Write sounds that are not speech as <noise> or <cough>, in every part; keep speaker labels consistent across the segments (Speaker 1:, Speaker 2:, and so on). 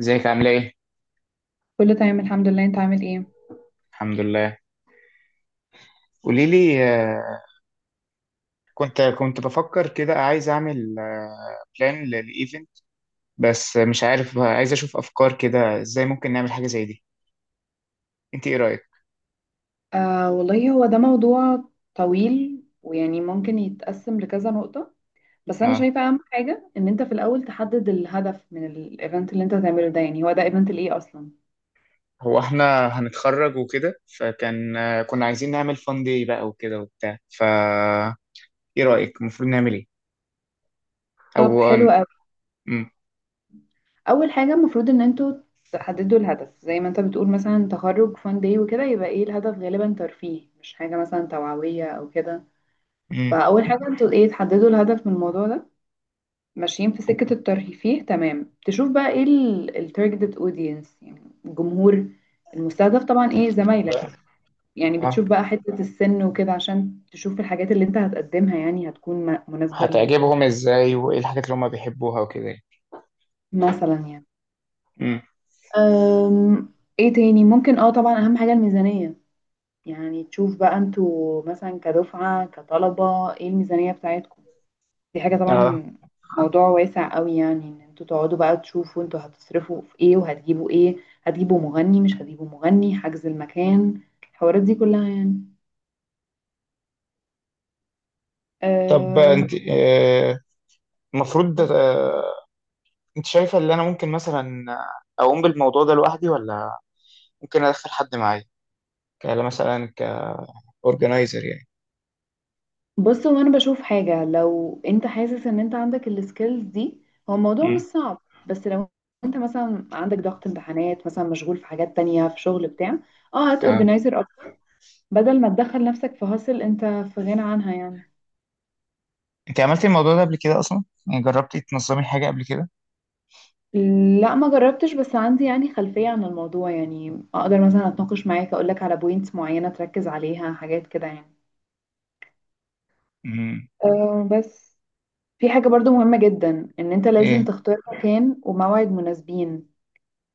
Speaker 1: ازيك؟ عامله ايه؟
Speaker 2: كله تمام الحمد لله. انت عامل ايه؟
Speaker 1: الحمد لله. قولي لي. كنت بفكر كده، عايز اعمل بلان للايفنت، بس مش عارف. عايز اشوف افكار كده ازاي ممكن نعمل حاجه زي دي. انت ايه رايك؟
Speaker 2: آه والله، هو ده موضوع طويل ويعني ممكن يتقسم لكذا نقطة. بس انا
Speaker 1: اه،
Speaker 2: شايفة اهم حاجة ان انت في الاول تحدد الهدف من الايفنت اللي انت هتعمله ده، يعني هو ده ايفنت لايه اصلا؟
Speaker 1: هو احنا هنتخرج وكده، فكان كنا عايزين نعمل فان داي بقى وكده وبتاع فا. ايه رايك المفروض نعمل ايه؟
Speaker 2: طب
Speaker 1: او
Speaker 2: حلو قوي.
Speaker 1: مم،
Speaker 2: اول حاجة المفروض ان انتوا تحددوا الهدف زي ما انت بتقول، مثلا تخرج فان داي وكده، يبقى ايه الهدف؟ غالبا ترفيه، مش حاجة مثلا توعوية او كده.
Speaker 1: مم.
Speaker 2: فاول حاجة انتوا ايه، تحددوا الهدف من الموضوع ده. ماشيين في سكة الترفيه، فيه، تمام، تشوف بقى ايه التارجتد اودينس، يعني الجمهور المستهدف، طبعا ايه، زمايلك. يعني
Speaker 1: اه،
Speaker 2: بتشوف بقى حتة السن وكده عشان تشوف الحاجات اللي انت هتقدمها يعني هتكون مناسبة
Speaker 1: هتعجبهم ازاي، وايه الحاجات اللي هم بيحبوها وكده يعني.
Speaker 2: مثلا، يعني.
Speaker 1: امم.
Speaker 2: أم، ايه تاني ممكن، طبعا اهم حاجة الميزانية. يعني تشوف بقى انتوا مثلا كدفعة كطلبة ايه الميزانية بتاعتكم. دي حاجة
Speaker 1: اه،
Speaker 2: طبعا موضوع واسع قوي، يعني ان انتوا تقعدوا بقى تشوفوا انتوا هتصرفوا في ايه وهتجيبوا ايه. هتجيبوا مغني، مش هتجيبوا مغني، حجز المكان، الحوارات دي كلها يعني.
Speaker 1: طب
Speaker 2: أم،
Speaker 1: انت المفروض. انت شايفه اللي انا ممكن مثلا اقوم بالموضوع ده لوحدي، ولا ممكن ادخل حد معايا كلا مثلا كاورجنايزر يعني؟
Speaker 2: بص، هو انا بشوف حاجة، لو انت حاسس ان انت عندك السكيلز دي هو الموضوع مش
Speaker 1: امم.
Speaker 2: صعب. بس لو انت مثلا عندك ضغط امتحانات، مثلا مشغول في حاجات تانية، في شغل بتاع، اه هات
Speaker 1: اه،
Speaker 2: اورجنايزر اكتر، بدل ما تدخل نفسك في هاسل انت في غنى عنها يعني.
Speaker 1: انت عملتي الموضوع ده قبل كده اصلا؟ يعني جربتي تنظمي حاجه قبل كده؟
Speaker 2: لا، ما جربتش، بس عندي يعني خلفية عن الموضوع، يعني اقدر مثلا اتناقش معاك اقولك على بوينتس معينة تركز عليها، حاجات كده يعني.
Speaker 1: امم.
Speaker 2: أه. بس في حاجة برضو مهمة جدا، ان انت لازم
Speaker 1: ايه؟
Speaker 2: تختار مكان وموعد مناسبين.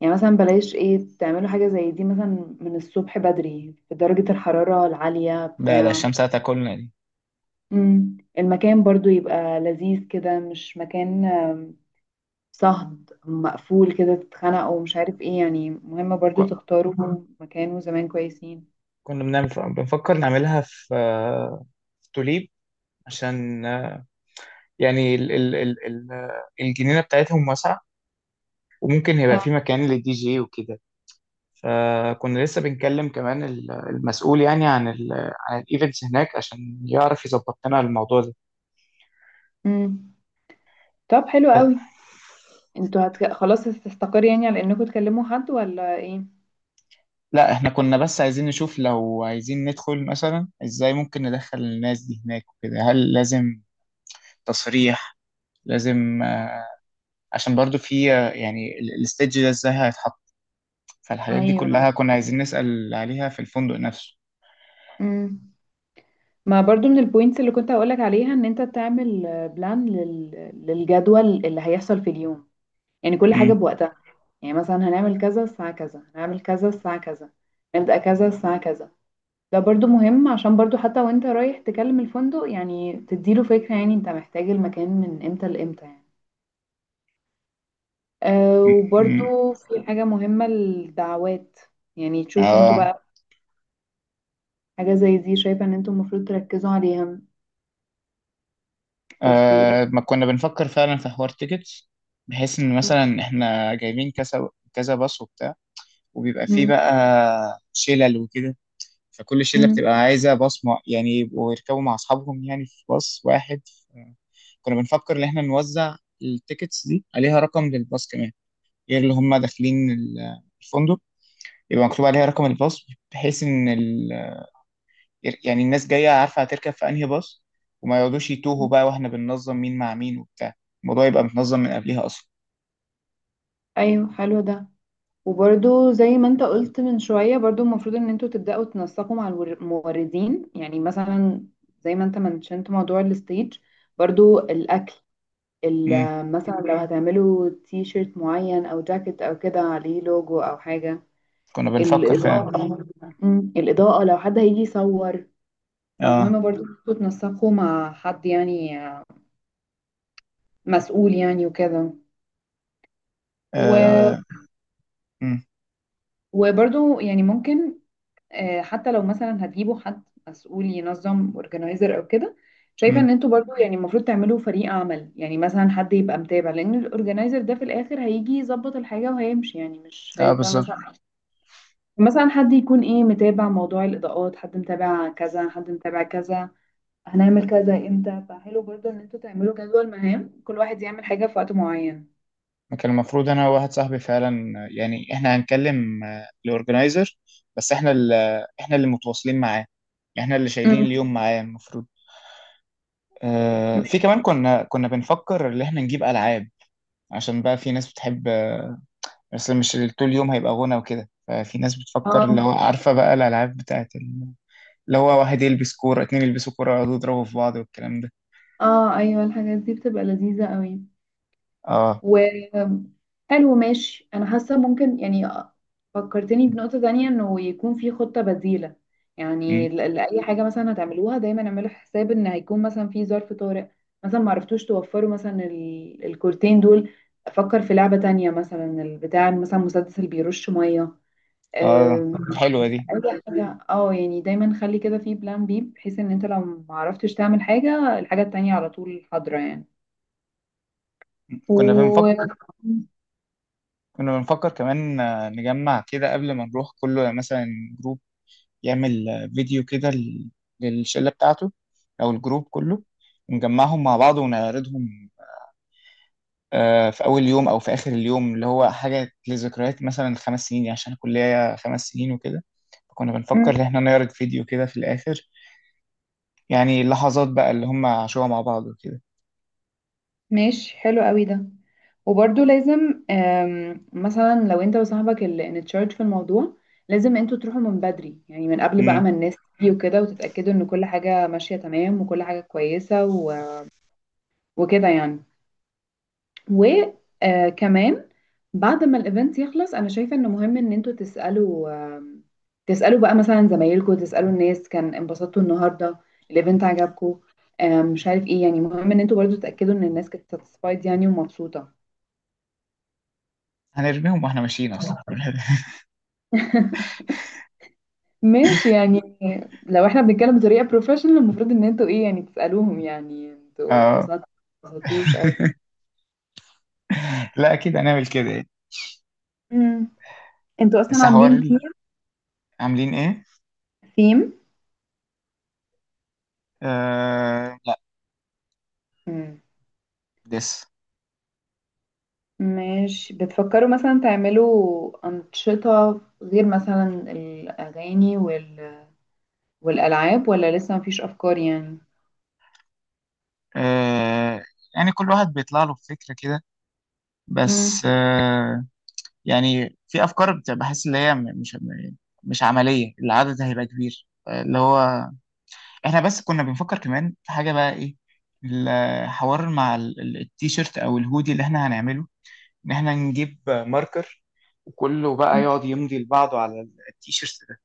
Speaker 2: يعني مثلا بلاش ايه، تعملوا حاجة زي دي مثلا من الصبح بدري في درجة الحرارة العالية
Speaker 1: لا، ده
Speaker 2: بتاع.
Speaker 1: الشمس هتاكلنا دي.
Speaker 2: المكان برضو يبقى لذيذ كده، مش مكان صهد مقفول كده تتخنقوا ومش عارف ايه، يعني مهم برضو
Speaker 1: ك-
Speaker 2: تختاروا مكان وزمان كويسين.
Speaker 1: كنا بنعمل، بنفكر نعملها في في توليب، عشان يعني الجنينه بتاعتهم واسعه، وممكن يبقى في
Speaker 2: اه.
Speaker 1: مكان للدي جي وكده. فكنا لسه بنكلم كمان المسؤول يعني عن عن الايفنتس هناك، عشان يعرف يظبط لنا الموضوع ده.
Speaker 2: امم. طب حلو
Speaker 1: بس
Speaker 2: قوي. انتوا خلاص هتستقر يعني على انكم تكلموا حد ولا ايه؟
Speaker 1: لا، احنا كنا بس عايزين نشوف لو عايزين ندخل مثلا، ازاي ممكن ندخل الناس دي هناك وكده، هل لازم تصريح، لازم عشان برضو في يعني الستيج ده ازاي هيتحط. فالحاجات دي
Speaker 2: ايوه.
Speaker 1: كلها كنا عايزين نسأل عليها في الفندق نفسه.
Speaker 2: امم. ما برضو من البوينتس اللي كنت هقولك عليها ان انت تعمل بلان للجدول اللي هيحصل في اليوم، يعني كل
Speaker 1: امم.
Speaker 2: حاجة بوقتها. يعني مثلا هنعمل كذا الساعة كذا، هنعمل كذا الساعة كذا، نبدأ كذا الساعة كذا. ده برضو مهم، عشان برضو حتى وانت رايح تكلم الفندق، يعني تديله فكرة، يعني انت محتاج المكان من امتى لامتى يعني. أه،
Speaker 1: امم.
Speaker 2: وبرضو في حاجة مهمة، الدعوات. يعني تشوفوا انتوا
Speaker 1: اه.
Speaker 2: بقى، حاجة زي دي شايفة ان انتوا المفروض تركزوا عليها، تسويق.
Speaker 1: آه، ما كنا بنفكر فعلا في حوار تيكتس، بحيث ان
Speaker 2: م-
Speaker 1: مثلا احنا جايبين كذا كذا باص وبتاع، وبيبقى فيه
Speaker 2: م-
Speaker 1: بقى شلل وكده، فكل شلة
Speaker 2: م.
Speaker 1: بتبقى عايزة باص. مع يعني يبقوا يركبوا مع أصحابهم يعني في باص واحد. كنا بنفكر إن إحنا نوزع التيكتس دي، عليها رقم للباص كمان غير اللي هم داخلين الفندق، يبقى مكتوب عليها رقم الباص، بحيث إن يعني الناس جاية عارفة هتركب في أنهي باص، وما يقعدوش يتوهوا بقى، وإحنا بننظم مين مع مين وبتاع. الموضوع يبقى متنظم من قبلها أصلا.
Speaker 2: ايوه، حلو ده. وبرضو زي ما انت قلت من شوية، برضو المفروض ان انتوا تبدأوا تنسقوا مع الموردين، يعني مثلا زي ما انت منشنت موضوع الستيج، برضو الأكل،
Speaker 1: امم.
Speaker 2: مثلا لو هتعملوا تي شيرت معين او جاكيت او كده عليه لوجو او حاجة،
Speaker 1: كنا بنفكر فعلا.
Speaker 2: الإضاءة. الإضاءة لو حد هيجي يصور
Speaker 1: اه.
Speaker 2: فمهم برضو انتوا تنسقوا مع حد يعني مسؤول يعني وكده. و-
Speaker 1: اه. امم.
Speaker 2: وبرضو يعني ممكن، حتى لو مثلا هتجيبوا حد مسؤول ينظم، اورجنايزر او كده، شايفة
Speaker 1: امم.
Speaker 2: ان انتوا برضو يعني المفروض تعملوا فريق عمل، يعني مثلا حد يبقى متابع، لان الاورجنايزر ده في الاخر هيجي يظبط الحاجة وهيمشي يعني، مش
Speaker 1: اه
Speaker 2: هيفضل
Speaker 1: بالظبط.
Speaker 2: مثلا. مثلا حد يكون ايه، متابع موضوع الاضاءات، حد متابع كذا، حد متابع كذا، هنعمل كذا امتى، فحلو برضه ان انتوا تعملوا جدول مهام، كل واحد يعمل حاجة في وقت معين.
Speaker 1: ما كان المفروض أنا وواحد صاحبي فعلا يعني إحنا هنكلم الأورجنايزر، بس إحنا اللي، إحنا اللي متواصلين معاه، إحنا اللي شايلين
Speaker 2: امم.
Speaker 1: اليوم معاه المفروض. آه، في كمان كنا بنفكر إن إحنا نجيب ألعاب، عشان بقى في ناس بتحب، بس مش طول اليوم هيبقى غنى وكده، ففي ناس بتفكر اللي
Speaker 2: اه،
Speaker 1: هو، عارفة بقى الألعاب بتاعت اللي هو واحد يلبس كورة، اتنين يلبسوا كورة، يقعدوا يضربوا في بعض والكلام ده.
Speaker 2: اه. ايوه، الحاجات دي بتبقى لذيذة قوي.
Speaker 1: اه.
Speaker 2: وقالوا ماشي، انا حاسه ممكن يعني، فكرتني بنقطه تانية، انه يكون في خطه بديله.
Speaker 1: مم.
Speaker 2: يعني لاي حاجه مثلا هتعملوها دايما اعملوا حساب ان هيكون مثلا في ظرف طارئ. مثلا ما عرفتوش توفروا مثلا الكورتين دول، افكر في لعبه تانية، مثلا البتاع، مثلا مسدس اللي بيرش ميه.
Speaker 1: اه
Speaker 2: اي.
Speaker 1: حلوة دي.
Speaker 2: <laughs> حاجه اه، يعني دايما خلي كده في بلان بي، بحيث ان انت لو ما عرفتش تعمل حاجه، الحاجه التانية على طول حاضره يعني.
Speaker 1: كنا
Speaker 2: و
Speaker 1: بنفكر، كنا بنفكر كمان نجمع كده قبل ما نروح كله مثلا جروب يعمل فيديو كده للشلة بتاعته، أو الجروب كله، ونجمعهم مع بعض ونعرضهم في أول يوم أو في آخر اليوم، اللي هو حاجة لذكريات مثلا. 5 سنين يعني، عشان الكلية 5 سنين وكده. فكنا بنفكر إن إحنا نعرض فيديو كده في الآخر، يعني اللحظات بقى اللي هم عاشوها مع بعض وكده.
Speaker 2: ماشي، حلو قوي ده. وبرضو لازم، مثلا لو انت وصاحبك اللي انتشارج في الموضوع، لازم انتوا تروحوا من بدري، يعني من قبل بقى
Speaker 1: مم.
Speaker 2: ما الناس تيجي وكده، وتتأكدوا ان كل حاجة ماشية تمام وكل حاجة كويسة، وكده يعني. وكمان بعد ما الايفنت يخلص، انا شايفة انه مهم ان انتوا تسألوا، آم، تسألوا بقى مثلا زمايلكم، تسألوا الناس، كان انبسطتوا النهاردة؟ الايفنت عجبكم؟ مش عارف ايه، يعني مهم ان انتوا برضو تتأكدوا ان الناس كانت ساتسفايد يعني ومبسوطة.
Speaker 1: هنرميهم وإحنا ماشيين أصلا. <laughs>
Speaker 2: <laughs> ماشي يعني، لو احنا بنتكلم بطريقة بروفيشنال، المفروض ان انتوا ايه، يعني تسألوهم، يعني انتوا
Speaker 1: آه.
Speaker 2: انبسطتوا انبسطتوش او كده.
Speaker 1: لا أكيد هنعمل كده يعني.
Speaker 2: امم. انتوا اصلا
Speaker 1: بس حوار
Speaker 2: عاملين ثيم؟
Speaker 1: عاملين إيه؟
Speaker 2: ثيم.
Speaker 1: آه لا،
Speaker 2: امم.
Speaker 1: لسه.
Speaker 2: ماشي، بتفكروا مثلا تعملوا أنشطة غير مثلا الأغاني والألعاب، ولا لسه مفيش أفكار يعني.
Speaker 1: آه يعني كل واحد بيطلع له بفكرة كده، بس آه، يعني في افكار بحس اللي هي مش مش عمليه، العدد هيبقى كبير اللي هو. احنا بس كنا بنفكر كمان في حاجه بقى، ايه الحوار مع التيشيرت او الهودي اللي احنا هنعمله، ان احنا نجيب ماركر، وكله بقى يقعد يمضي لبعضه على التيشيرت ده،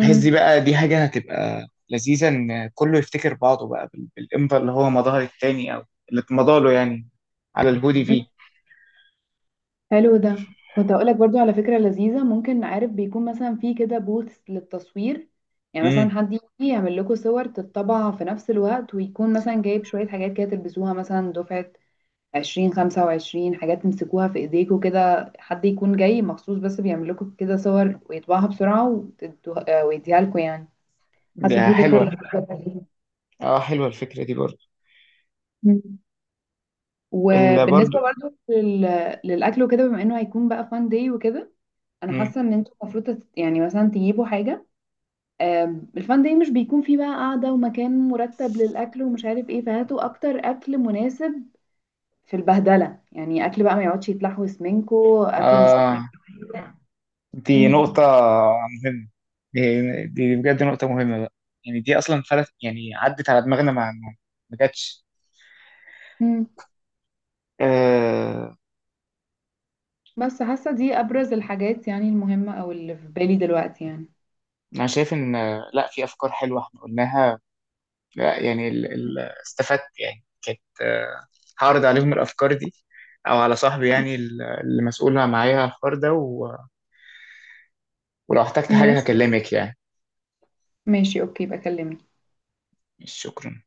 Speaker 1: بحيث دي بقى دي حاجه هتبقى لذيذه، ان كله يفتكر بعضه بقى بالامضاء اللي هو مضاها التاني، او اللي اتمضى له يعني على الهودي فيه.
Speaker 2: حلو ده. كنت هقولك برضو على فكرة لذيذة ممكن، عارف بيكون مثلا في كده بوث للتصوير. يعني مثلا
Speaker 1: امم.
Speaker 2: حد يجي يعمل لكم صور تتطبع في نفس الوقت، ويكون مثلا جايب شوية حاجات كده تلبسوها، مثلا دفعة 20 25 حاجات تمسكوها في ايديكوا كده، حد يكون جاي مخصوص بس بيعمل لكم كده صور ويطبعها بسرعة ويديها لكم يعني. حاسة
Speaker 1: ده
Speaker 2: دي فكرة
Speaker 1: حلوه.
Speaker 2: اللي،
Speaker 1: اه حلوه الفكره دي برضه.
Speaker 2: مم. <laughs> وبالنسبة
Speaker 1: برضه.
Speaker 2: برضو للأكل وكده، بما انه هيكون بقى فان داي وكده، انا
Speaker 1: مم.
Speaker 2: حاسه ان انتوا المفروض يعني مثلا تجيبوا حاجه، الفان داي مش بيكون فيه بقى قاعده ومكان مرتب للاكل ومش عارف ايه، فهاتوا اكتر اكل مناسب في البهدله، يعني اكل بقى ما يقعدش يتلحوس منكو، اكل مش محتاج.
Speaker 1: آه، دي نقطة
Speaker 2: امم.
Speaker 1: مهمة. دي, دي بجد نقطة مهمة بقى، يعني دي أصلا فلت، يعني عدت على دماغنا، ما ما جاتش.
Speaker 2: امم.
Speaker 1: آه،
Speaker 2: بس حاسه دي ابرز الحاجات يعني المهمه او اللي في بالي دلوقتي يعني.
Speaker 1: أنا شايف إن لا في أفكار حلوة إحنا قلناها. لا يعني ال ال استفدت يعني، كانت آه. هعرض عليهم الأفكار دي، أو على صاحبي
Speaker 2: مم.
Speaker 1: يعني اللي مسؤول معايا على الحوار ده و، ولو احتجت حاجة
Speaker 2: ماشي،
Speaker 1: هكلمك يعني.
Speaker 2: ماشي، اوكي، بكلمك.
Speaker 1: شكرا.